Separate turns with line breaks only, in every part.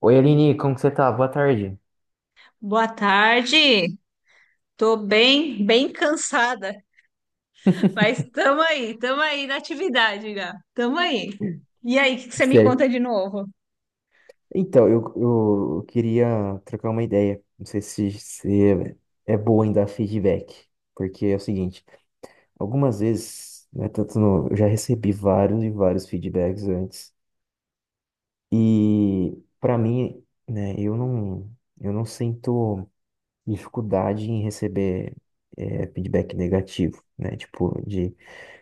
Oi, Aline, como que você tá? Boa tarde.
Boa tarde. Tô bem, bem cansada, mas tamo aí na atividade, Gá. Tamo aí. E aí, o que que você me conta
Certo.
de novo?
Então, eu queria trocar uma ideia. Não sei se é bom em dar feedback. Porque é o seguinte, algumas vezes, né, tanto no- eu já recebi vários e vários feedbacks antes. E para mim, né, eu não sinto dificuldade em receber feedback negativo, né? Tipo,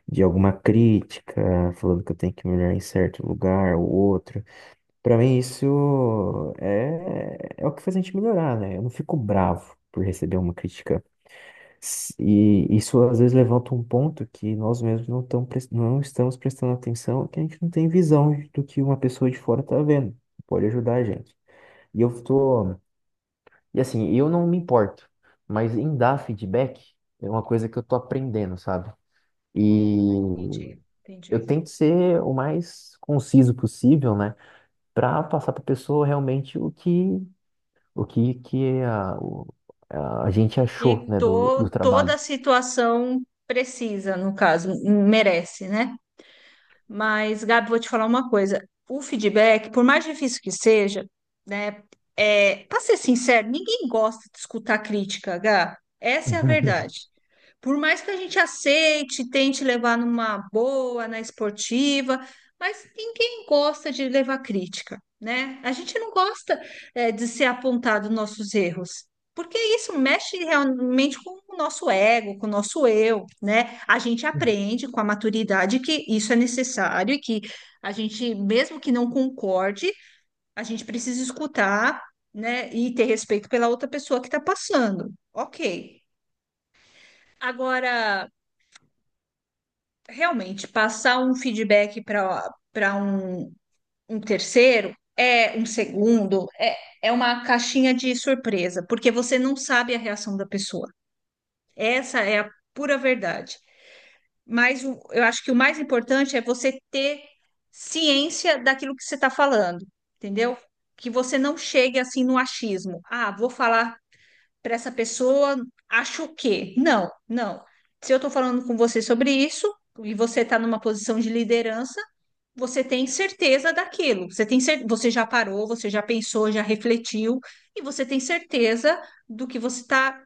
de alguma crítica, falando que eu tenho que melhorar em certo lugar ou outro. Pra mim, isso é o que faz a gente melhorar, né? Eu não fico bravo por receber uma crítica. E isso às vezes levanta um ponto que nós mesmos não estamos prestando atenção, que a gente não tem visão do que uma pessoa de fora tá vendo. Pode ajudar a gente. E eu tô. E assim, eu não me importo, mas em dar feedback é uma coisa que eu tô aprendendo, sabe?
Ah,
E
entendi,
eu
entendi.
tento ser o mais conciso possível, né? Para passar para a pessoa realmente o que a gente achou,
E
né, do
tô, toda
trabalho.
a situação precisa, no caso, merece, né? Mas, Gabi, vou te falar uma coisa. O feedback, por mais difícil que seja, né? Para ser sincero, ninguém gosta de escutar crítica, Gá. Essa é a verdade. Por mais que a gente aceite, tente levar numa boa, na esportiva, mas ninguém gosta de levar crítica, né? A gente não gosta, de ser apontado nossos erros. Porque isso mexe realmente com o nosso ego, com o nosso eu, né? A gente aprende com a maturidade que isso é necessário e que a gente, mesmo que não concorde, a gente precisa escutar, né? E ter respeito pela outra pessoa que está passando. Ok. Agora, realmente, passar um feedback para um, um terceiro é um segundo, é uma caixinha de surpresa, porque você não sabe a reação da pessoa. Essa é a pura verdade. Eu acho que o mais importante é você ter ciência daquilo que você está falando, entendeu? Que você não chegue assim no achismo. Ah, vou falar para essa pessoa, acho o quê? Não, não. Se eu estou falando com você sobre isso e você está numa posição de liderança, você tem certeza daquilo. Você já parou, você já pensou, já refletiu e você tem certeza do que você está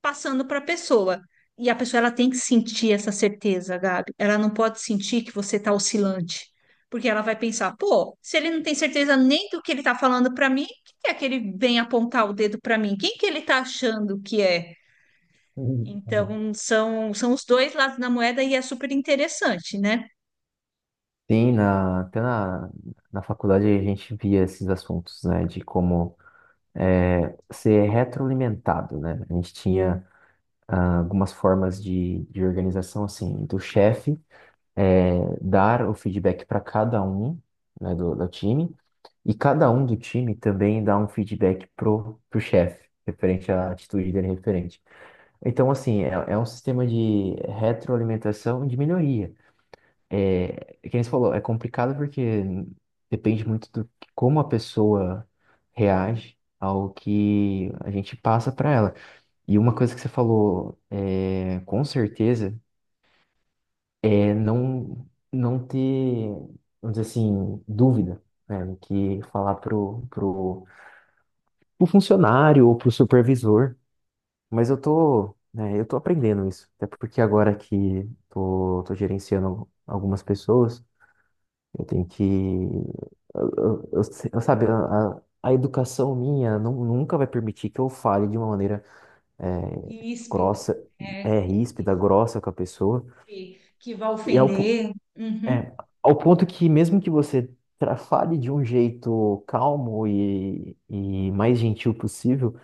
passando para a pessoa. E a pessoa ela tem que sentir essa certeza, Gabi. Ela não pode sentir que você está oscilante, porque ela vai pensar, pô, se ele não tem certeza nem do que ele está falando para mim, quem é que ele vem apontar o dedo para mim? Quem que ele está achando que é? Então, são os dois lados da moeda e é super interessante, né?
Sim, na faculdade a gente via esses assuntos, né, de como ser retroalimentado, né? A gente tinha ah, algumas formas de organização, assim, do chefe dar o feedback para cada um, né, do time, e cada um do time também dá um feedback pro chefe, referente à atitude dele, referente. Então, assim, é um sistema de retroalimentação e de melhoria. É, é que nem você falou, é complicado porque depende muito do que- como a pessoa reage ao que a gente passa para ela. E uma coisa que você falou, é, com certeza, é não ter, vamos dizer assim, dúvida, né, no que falar pro funcionário ou pro supervisor. Mas eu tô, né, eu tô aprendendo isso. Até porque agora que tô gerenciando algumas pessoas, eu tenho que. Eu se- eu sabe, a educação minha nunca vai permitir que eu fale de uma maneira é,
Ríspida,
grossa,
é,
é,
e
ríspida, grossa com a pessoa.
que vai
E
ofender. Uhum.
é, ao ponto que, mesmo que você fale de um jeito calmo e mais gentil possível,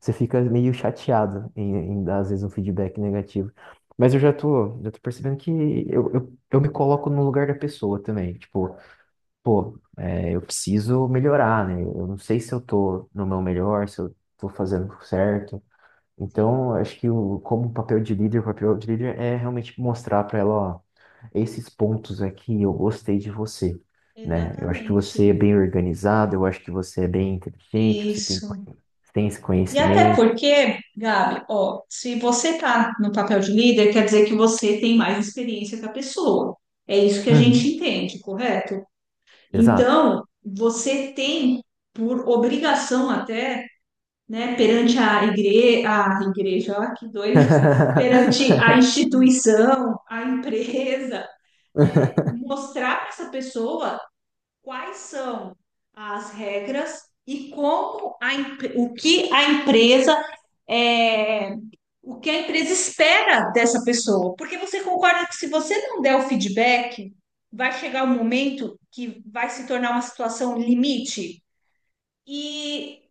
você fica meio chateado em, em dar, às vezes, um feedback negativo. Mas eu já tô percebendo que eu me coloco no lugar da pessoa também. Tipo, pô, é, eu preciso melhorar, né? Eu não sei se eu tô no meu melhor, se eu tô fazendo certo.
Sim,
Então, eu acho que como um papel de líder, o papel de líder é realmente mostrar pra ela, ó, esses pontos aqui eu gostei de você, né? Eu acho que você é
exatamente.
bem organizado, eu acho que você é bem inteligente,
Isso.
tem esse
E até
conhecimento.
porque, Gabi, ó, se você está no papel de líder, quer dizer que você tem mais experiência que a pessoa. É isso que a
Uhum.
gente entende, correto?
Exato.
Então, você tem por obrigação até, né, perante a igreja, ó, que doida, perante a instituição, a empresa, mostrar para essa pessoa quais são as regras e como o que a empresa é, o que a empresa espera dessa pessoa. Porque você concorda que se você não der o feedback, vai chegar um momento que vai se tornar uma situação limite e,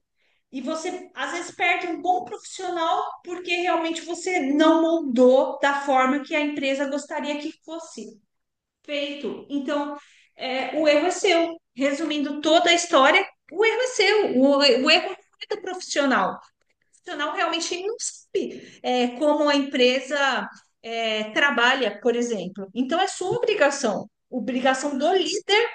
e você às vezes perde um bom profissional porque realmente você não moldou da forma que a empresa gostaria que fosse feito. Então, o erro é seu. Resumindo toda a história, o erro é seu, o erro não é do profissional. O profissional realmente não sabe como a empresa trabalha, por exemplo. Então, é sua obrigação, obrigação do líder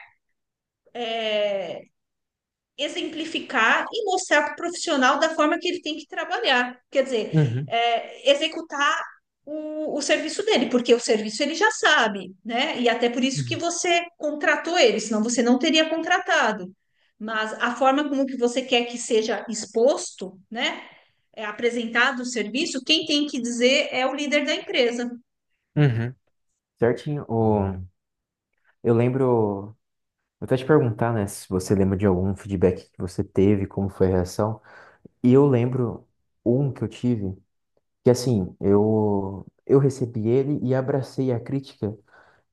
exemplificar e mostrar para o profissional da forma que ele tem que trabalhar. Quer dizer,
Uhum.
executar o serviço dele, porque o serviço ele já sabe, né? E até por isso que
Uhum.
você contratou ele, senão você não teria contratado. Mas a forma como que você quer que seja exposto, né? É apresentado o serviço, quem tem que dizer é o líder da empresa.
Uhum. Certinho. O... Eu lembro. Eu até te perguntar, né, se você lembra de algum feedback que você teve, como foi a reação. E eu lembro um que eu tive, que assim, eu recebi ele e abracei a crítica,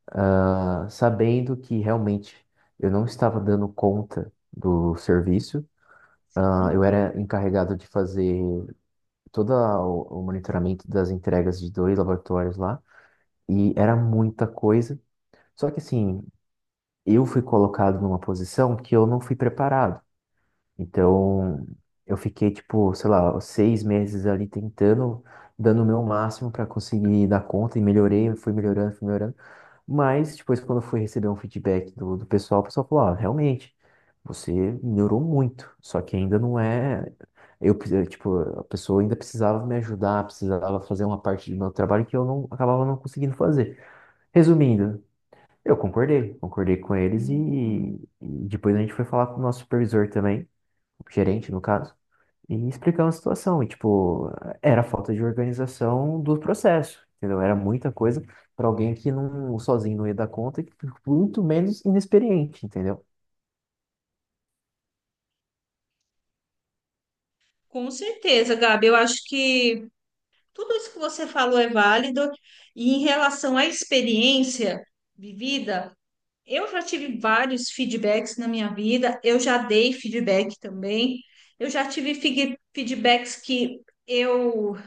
ah, sabendo que realmente eu não estava dando conta do serviço. Ah, eu
Sim,
era encarregado de fazer todo o monitoramento das entregas de 2 laboratórios lá, e era muita coisa. Só que assim, eu fui colocado numa posição que eu não fui preparado. Então, eu fiquei, tipo, sei lá, 6 meses ali tentando, dando o meu máximo para conseguir dar conta, e melhorei, fui melhorando, fui melhorando. Mas depois, quando eu fui receber um feedback do pessoal, o pessoal falou, ó, realmente, você melhorou muito, só que ainda não é... Eu, tipo, a pessoa ainda precisava me ajudar, precisava fazer uma parte do meu trabalho que eu não acabava não conseguindo fazer. Resumindo, concordei com eles e depois a gente foi falar com o nosso supervisor também, gerente no caso, e explicando a situação. E, tipo, era falta de organização do processo, entendeu? Era muita coisa para alguém que não sozinho não ia dar conta e muito menos inexperiente, entendeu?
com certeza, Gabi. Eu acho que tudo isso que você falou é válido. E em relação à experiência vivida, eu já tive vários feedbacks na minha vida, eu já dei feedback também. Eu já tive fig- feedbacks que eu,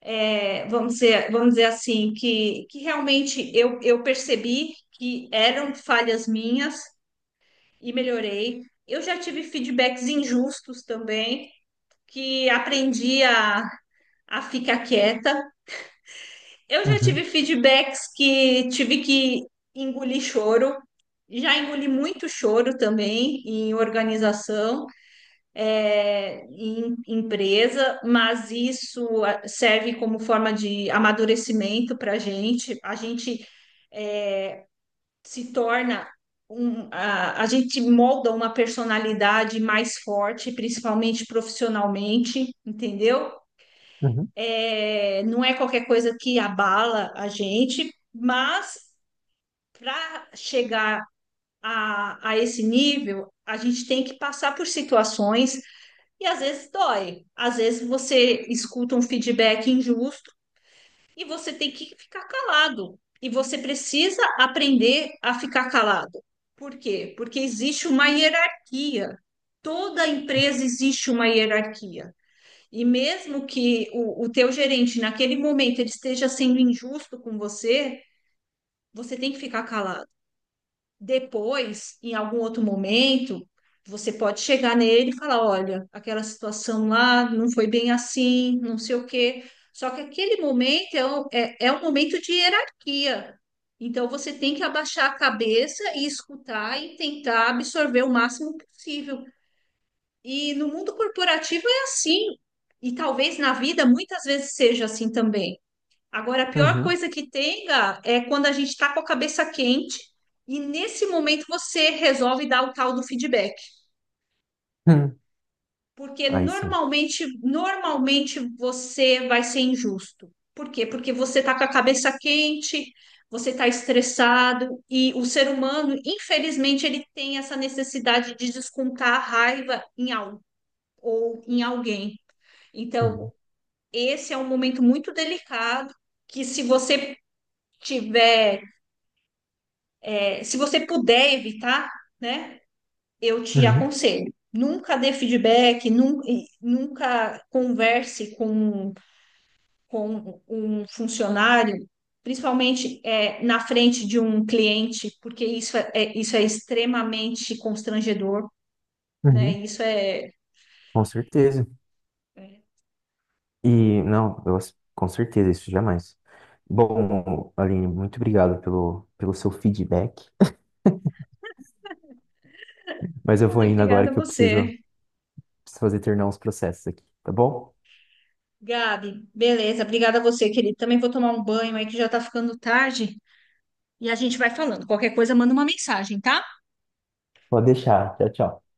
vamos dizer assim, que realmente eu percebi que eram falhas minhas e melhorei. Eu já tive feedbacks injustos também, que aprendi a ficar quieta. Eu já tive
Uhum,
feedbacks que tive que engolir choro, já engoli muito choro também em organização, em empresa, mas isso ah, serve como forma de amadurecimento para a gente. A gente se torna um, a gente molda uma personalidade mais forte, principalmente profissionalmente, entendeu?
uhum,
É, não é qualquer coisa que abala a gente, mas para chegar a esse nível, a gente tem que passar por situações e às vezes dói. Às vezes você escuta um feedback injusto e você tem que ficar calado. E você precisa aprender a ficar calado. Por quê? Porque existe uma hierarquia. Toda empresa existe uma hierarquia. E mesmo que o teu gerente, naquele momento, ele esteja sendo injusto com você, você tem que ficar calado. Depois, em algum outro momento, você pode chegar nele e falar: olha, aquela situação lá não foi bem assim, não sei o quê. Só que aquele momento é um, é um momento de hierarquia. Então, você tem que abaixar a cabeça e escutar e tentar absorver o máximo possível. E no mundo corporativo é assim. E talvez na vida muitas vezes seja assim também. Agora, a pior
uhum,
coisa que tem, Gá, é quando a gente está com a cabeça quente e nesse momento você resolve dar o tal do feedback,
uhum,
porque
aí sim,
normalmente você vai ser injusto. Por quê? Porque você está com a cabeça quente, você está estressado e o ser humano, infelizmente, ele tem essa necessidade de descontar a raiva em algo ou em alguém.
uhum,
Então, esse é um momento muito delicado que tiver se você puder evitar, né, eu te
uhum,
aconselho. Nunca dê feedback, nunca converse com um funcionário, principalmente na frente de um cliente, porque isso é extremamente constrangedor, né?
uhum. Com certeza.
É-
E não, com certeza isso jamais. Bom, Aline, muito obrigado pelo seu feedback. Mas eu vou
Ah,
indo agora
obrigada a
que eu preciso,
você.
preciso fazer terminar uns processos aqui, tá bom?
Gabi, beleza, obrigada a você, querido. Também vou tomar um banho aí que já tá ficando tarde e a gente vai falando. Qualquer coisa, manda uma mensagem, tá?
Pode deixar. Tchau, tchau.